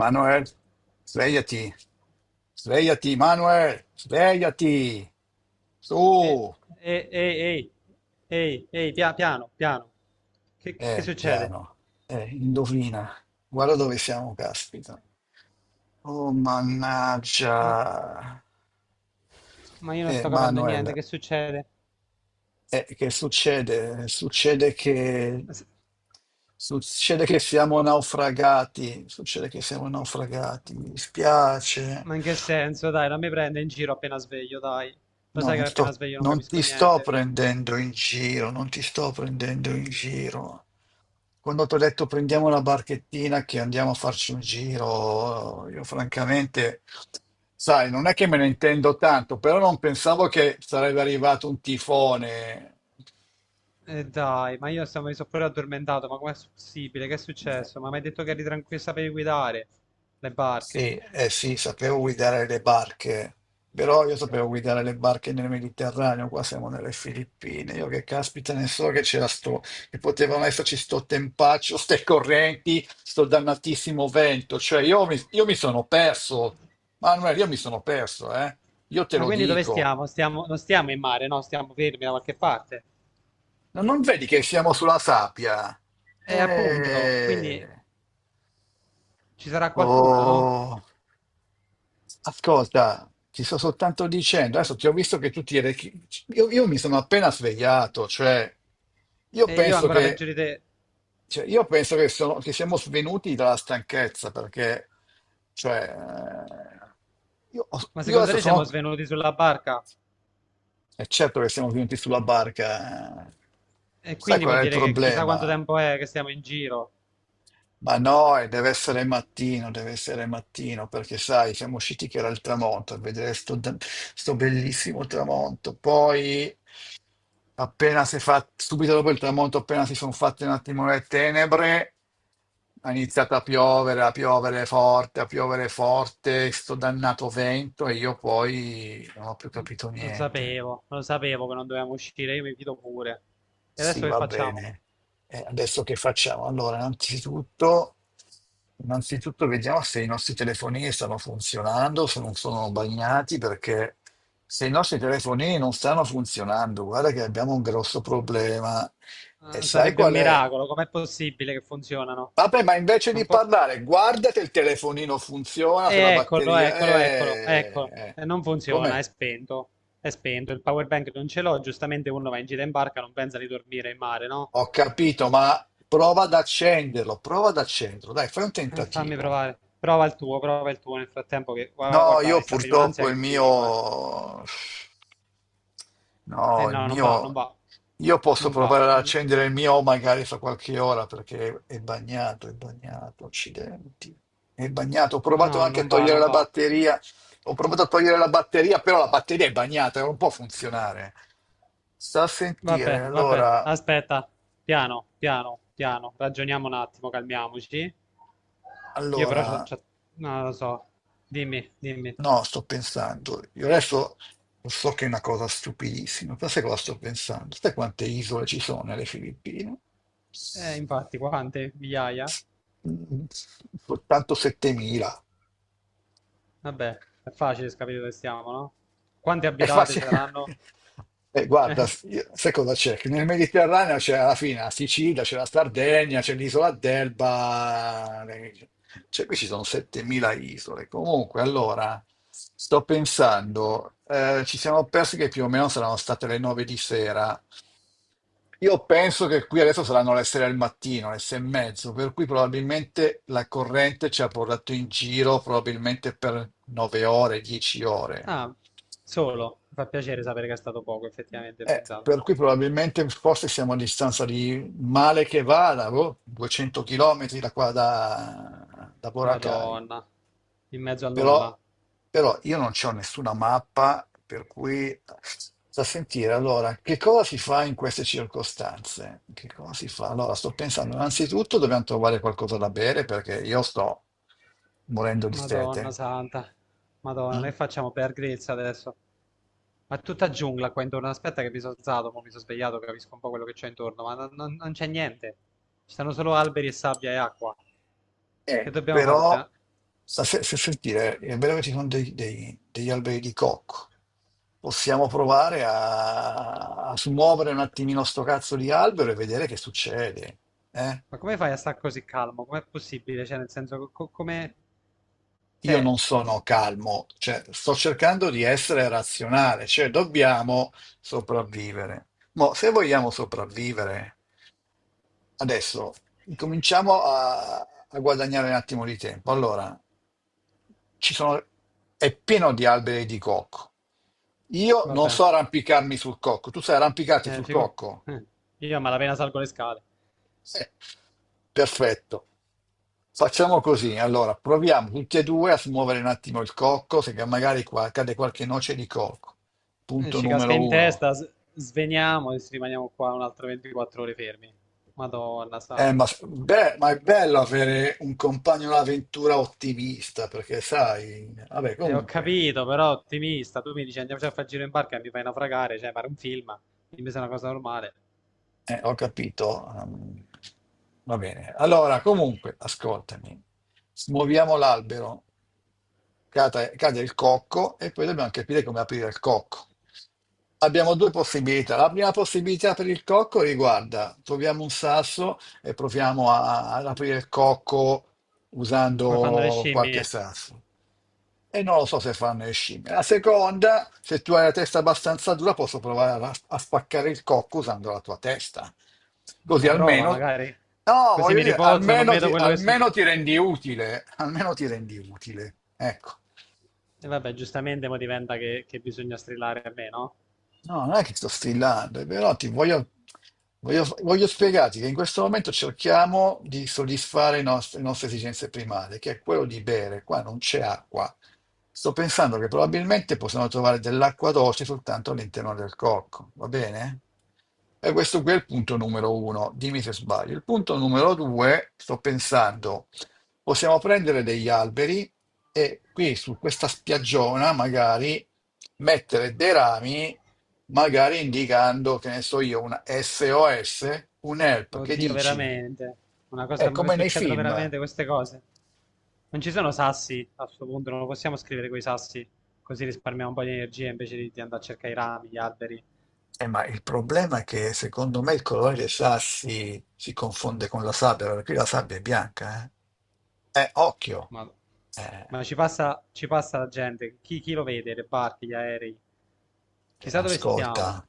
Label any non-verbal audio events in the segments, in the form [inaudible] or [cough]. Manuel, svegliati, svegliati, Manuel, svegliati. Su, E- Ehi, ehi, piano, piano. Che succede? piano, indovina, guarda dove siamo, caspita. Oh, Ma, mannaggia. ma io non sto capendo Manuel, niente, che succede? Che succede? Ma se- Succede che siamo naufragati, succede che siamo naufragati, mi dispiace. Ma in che senso? Dai, non mi prende in giro appena sveglio, dai. Lo No, sai che appena sveglio non non capisco ti sto niente. prendendo in giro, non ti sto prendendo in giro. Quando ti ho detto prendiamo una barchettina che andiamo a farci un giro, io francamente, sai, non è che me ne intendo tanto, però non pensavo che sarebbe arrivato un tifone. E dai, mi sono pure addormentato, ma com'è possibile? Che è Eh, successo? Ma mi hai detto che eri tranquillo, sapevi guidare le barche. Sì, eh sì, sapevo guidare le barche, però io sapevo guidare le barche nel Mediterraneo, qua siamo nelle Filippine, io che caspita ne so che c'era sto, che potevano esserci sto tempaccio, ste correnti, sto dannatissimo vento, cioè io mi sono perso, Manuel, io mi sono perso, io te Ma lo quindi dove dico, stiamo? Non stiamo in mare, no? Stiamo fermi da qualche parte. non vedi che siamo sulla sabbia? E appunto, quindi Eh. ci sarà qualcuno, no? Oh, ascolta, ti sto soltanto dicendo, adesso ti ho visto che tu ti eri... io mi sono appena svegliato, cioè, io E io penso ancora peggio che, di te. cioè, io penso che, che siamo svenuti dalla stanchezza, perché, cioè, eh, Ma io secondo adesso te siamo sono... svenuti sulla barca? È certo che siamo venuti sulla barca, eh. E Sai quindi qual vuol è il dire che chissà quanto problema? tempo è che stiamo in giro. Ma no, e deve essere mattino, perché sai, siamo usciti che era il tramonto, a vedere sto, sto bellissimo tramonto. Poi, appena si è fatto, subito dopo il tramonto, appena si sono fatte un attimo le tenebre, ha iniziato a piovere forte, sto dannato vento e io poi non ho più Mm, capito lo niente. sapevo, lo sapevo che non dovevamo uscire, io mi fido pure. E Sì, adesso che va facciamo? bene. Adesso che facciamo? Allora, innanzitutto, innanzitutto vediamo se i nostri telefonini stanno funzionando, se non sono bagnati, perché se i nostri telefonini non stanno funzionando, guarda che abbiamo un grosso problema. E Ah, sai sarebbe un qual è? miracolo, com'è possibile che funzionano? Vabbè, ma invece di Un po'... parlare, guarda se il telefonino funziona, E se la eccolo, batteria... eccolo, eccolo, eccolo. E non funziona, è Com'è? spento. È spento, il power bank non ce l'ho, giustamente uno va in gita in barca, non pensa di dormire in mare, no? Ho capito, ma prova ad accenderlo, prova ad accenderlo. Dai, fai un Fammi tentativo. provare. Prova il tuo nel frattempo che No, guarda, io mi sta venendo un'ansia purtroppo che il non ti dico, eh. mio... Eh No, il no, non mio... va. Io posso Non va. provare ad non- accendere il mio magari fra qualche ora perché è bagnato, accidenti. È bagnato. Ho No, provato anche a togliere non la va. batteria. Ho provato a togliere la batteria, però la batteria è bagnata, non può funzionare. Sta a sentire. Vabbè, vabbè. Allora, Aspetta. Piano, piano, piano. Ragioniamo un attimo, calmiamoci. Io però allora. Non lo so. Dimmi, dimmi. No, sto pensando. Io adesso lo so che è una cosa stupidissima, però sai cosa sto pensando? Sai quante isole ci sono nelle Filippine? S- Infatti, quante? Migliaia? s- mm, Soltanto 7.000. Vabbè, è facile capire dove stiamo, no? Quante È abitate facile. saranno? [laughs] Guarda, Eh, sai cosa c'è? Che nel Mediterraneo c'è alla fine la Sicilia, c'è la Sardegna, c'è l'isola d'Elba, le- cioè qui ci sono 7.000 isole. Comunque, allora, sto pensando, ci siamo persi che più o meno saranno state le 9 di sera. Io penso che qui adesso saranno le 6 del mattino, le 6 e mezzo, per cui probabilmente la corrente ci ha portato in giro probabilmente per 9 ore, 10 ore. ah, solo. Mi fa piacere sapere che è stato poco, effettivamente, pensate. Per cui probabilmente forse siamo a distanza di male che vada, boh, 200 km da qua da Boracay. Madonna, in mezzo al Però, nulla. però io non c'ho nessuna mappa, per cui da sentire allora che cosa si fa in queste circostanze? Che cosa si fa? Allora, sto pensando, innanzitutto dobbiamo trovare qualcosa da bere perché io sto morendo di Madonna sete. santa. Madonna, Mm? che facciamo per grezza adesso? Ma è tutta giungla qua intorno. Aspetta che mi sono alzato, mo mi sono svegliato, capisco un po' quello che c'è intorno, ma non c'è niente. Ci stanno solo alberi e sabbia e acqua. Che dobbiamo fare? Però, sta fe- fe- fe- dire, è vero che ci sono degli alberi di cocco. Possiamo provare a smuovere un attimino sto cazzo di albero e vedere che succede, eh? Ma come fai a stare così calmo? Com'è possibile? Cioè, nel senso, come... Io Cioè, non sono calmo, cioè, sto cercando di essere razionale, cioè dobbiamo sopravvivere. Ma se vogliamo sopravvivere. Adesso cominciamo a guadagnare un attimo di tempo. Allora, ci sono, è pieno di alberi di cocco. Io va non so bene. arrampicarmi sul cocco. Tu sai arrampicarti Eh, sul figu- cocco? eh, Io a malapena salgo le scale. Eh, perfetto. Facciamo così. Allora, proviamo tutti e due a smuovere un attimo il cocco, se magari qua cade qualche noce di cocco. Punto Ci casca numero in uno. testa, sveniamo e rimaniamo qua un'altra 24 ore fermi. Madonna Ma, santa. Beh, ma è bello avere un compagno d'avventura ottimista, perché sai, vabbè, E ho comunque, capito, però ottimista, tu mi dici andiamoci a fare il giro in barca e mi fai naufragare, cioè fare un film, dimmi se è una cosa normale. Ho capito. Va bene. Allora, comunque, ascoltami, smuoviamo l'albero, cade, cade il cocco e poi dobbiamo capire come aprire il cocco. Abbiamo due possibilità. La prima possibilità per il cocco riguarda, troviamo un sasso e proviamo ad aprire il cocco Come fanno le usando qualche scimmie? sasso. E non lo so se fanno le scimmie. La seconda, se tu hai la testa abbastanza dura, posso provare a spaccare il cocco usando la tua testa. Così Una prova, almeno, magari. no, Così voglio mi dire, riposo e non vedo quello che almeno succede. ti rendi utile, almeno ti rendi utile. Ecco. E vabbè, giustamente mo diventa che bisogna strillare a me, no? No, non è che sto strillando, voglio spiegarti che in questo momento cerchiamo di soddisfare le nostre esigenze primarie, che è quello di bere. Qua non c'è acqua. Sto pensando che probabilmente possiamo trovare dell'acqua dolce soltanto all'interno del cocco, va bene? E questo qui è il punto numero uno, dimmi se sbaglio. Il punto numero due, sto pensando, possiamo prendere degli alberi e qui su questa spiaggiona magari mettere dei rami, magari indicando, che ne so io, una SOS, un help, che Oddio, dici? veramente. Una È cosa, ma come nei succedono film. veramente queste cose? Non ci sono sassi a questo punto, non lo possiamo scrivere coi sassi, così risparmiamo un po' di energia invece di andare a cercare i rami, gli alberi. Ma il problema è che secondo me il colore dei sassi si confonde con la sabbia, perché qui la sabbia è bianca, eh? Occhio. Ma Eh. Ma ci passa la gente, chi, chi lo vede, le barche, gli aerei. Chissà dove stiamo. Ascolta,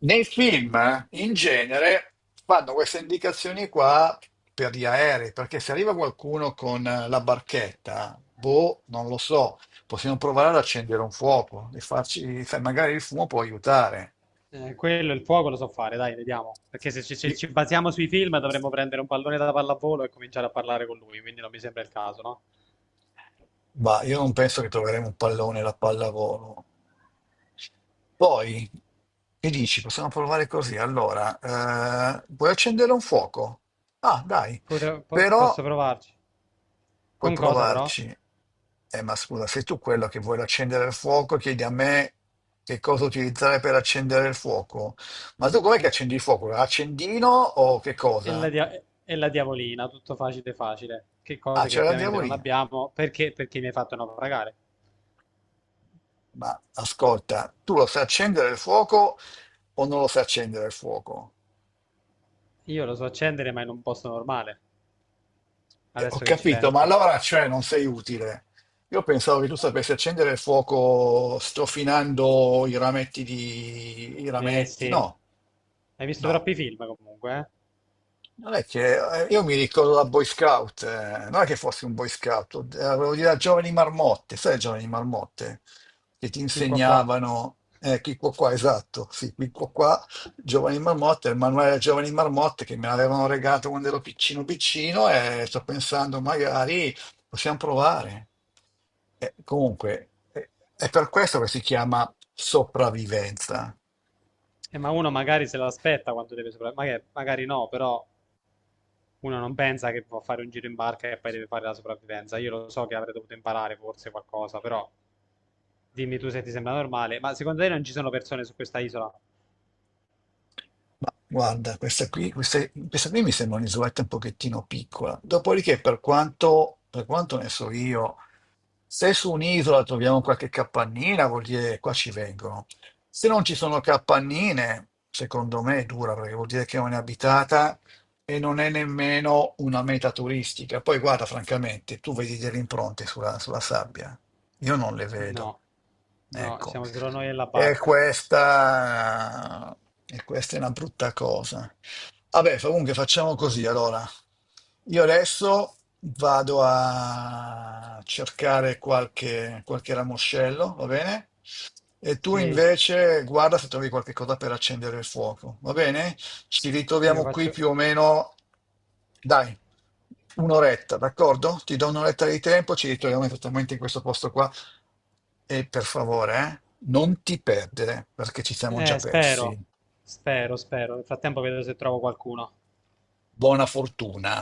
nei film, in genere, fanno queste indicazioni qua per gli aerei, perché se arriva qualcuno con la barchetta, boh, non lo so, possiamo provare ad accendere un fuoco e farci, sai, magari il fumo può aiutare. Quello, il fuoco lo so fare, dai, vediamo. Perché se ci, se Sì. ci basiamo sui film dovremmo prendere un pallone da pallavolo e cominciare a parlare con lui, quindi non mi sembra il caso, no? Ma io non penso che troveremo un pallone da pallavolo. Poi, che dici? Possiamo provare così. Allora, puoi accendere un fuoco? Ah, dai, però Posso provarci. puoi Con cosa però? provarci. Ma scusa, sei tu quello che vuole accendere il fuoco, chiedi a me che cosa utilizzare per accendere il fuoco. Ma tu com'è che Eh, accendi il fuoco? Accendino o che E la, cosa? E la diavolina, tutto facile facile, che Ah, cose che c'è la ovviamente non diavolina. abbiamo perché, perché mi hai fatto naufragare. Ma ascolta, tu lo sai accendere il fuoco o non lo sai accendere il fuoco. Io lo so accendere ma in un posto normale, Ho adesso che ci capito, ma penso. allora cioè non sei utile. Io pensavo che tu sapessi accendere il fuoco strofinando i rametti di... i Eh rametti. sì, No, hai visto no. troppi film comunque, eh? Non è che io mi ricordo da Boy Scout, non è che fossi un Boy Scout, avevo dire giovani marmotte, sai le giovani marmotte che ti Qui qua qua. insegnavano, qui qua qua, esatto, sì, qui qua qua, giovani marmotte, il manuale dei giovani marmotte che me l'avevano regalato quando ero piccino piccino e sto pensando magari possiamo provare. Comunque, è per questo che si chiama sopravvivenza. Ma uno magari se l'aspetta quando deve sopravvivere, magari no, però uno non pensa che può fare un giro in barca e poi deve fare la sopravvivenza. Io lo so che avrei dovuto imparare forse qualcosa, però dimmi tu se ti sembra normale. Ma secondo te non ci sono persone su questa isola? Ma guarda, questa qui, questa qui mi sembra un'isoletta un pochettino piccola. Dopodiché, per quanto ne so io, se su un'isola troviamo qualche capannina, vuol dire qua ci vengono. Se non ci sono capannine, secondo me è dura, perché vuol dire che non è abitata e non è nemmeno una meta turistica. Poi guarda, francamente, tu vedi delle impronte sulla sabbia. Io non le vedo. No, no, Ecco. siamo solo noi e la E parca. questa, e questa è una brutta cosa. Vabbè, comunque facciamo così allora. Io adesso vado a cercare qualche ramoscello, va bene? E tu Sì, invece guarda se trovi qualche cosa per accendere il fuoco, va bene? Ci io ritroviamo qui faccio... più o meno, dai, un'oretta, d'accordo? Ti do un'oretta di tempo, ci ritroviamo esattamente in questo posto qua e per favore, non ti perdere perché ci siamo già persi. spero, spero, spero. Nel frattempo vedo se trovo qualcuno. Buona fortuna.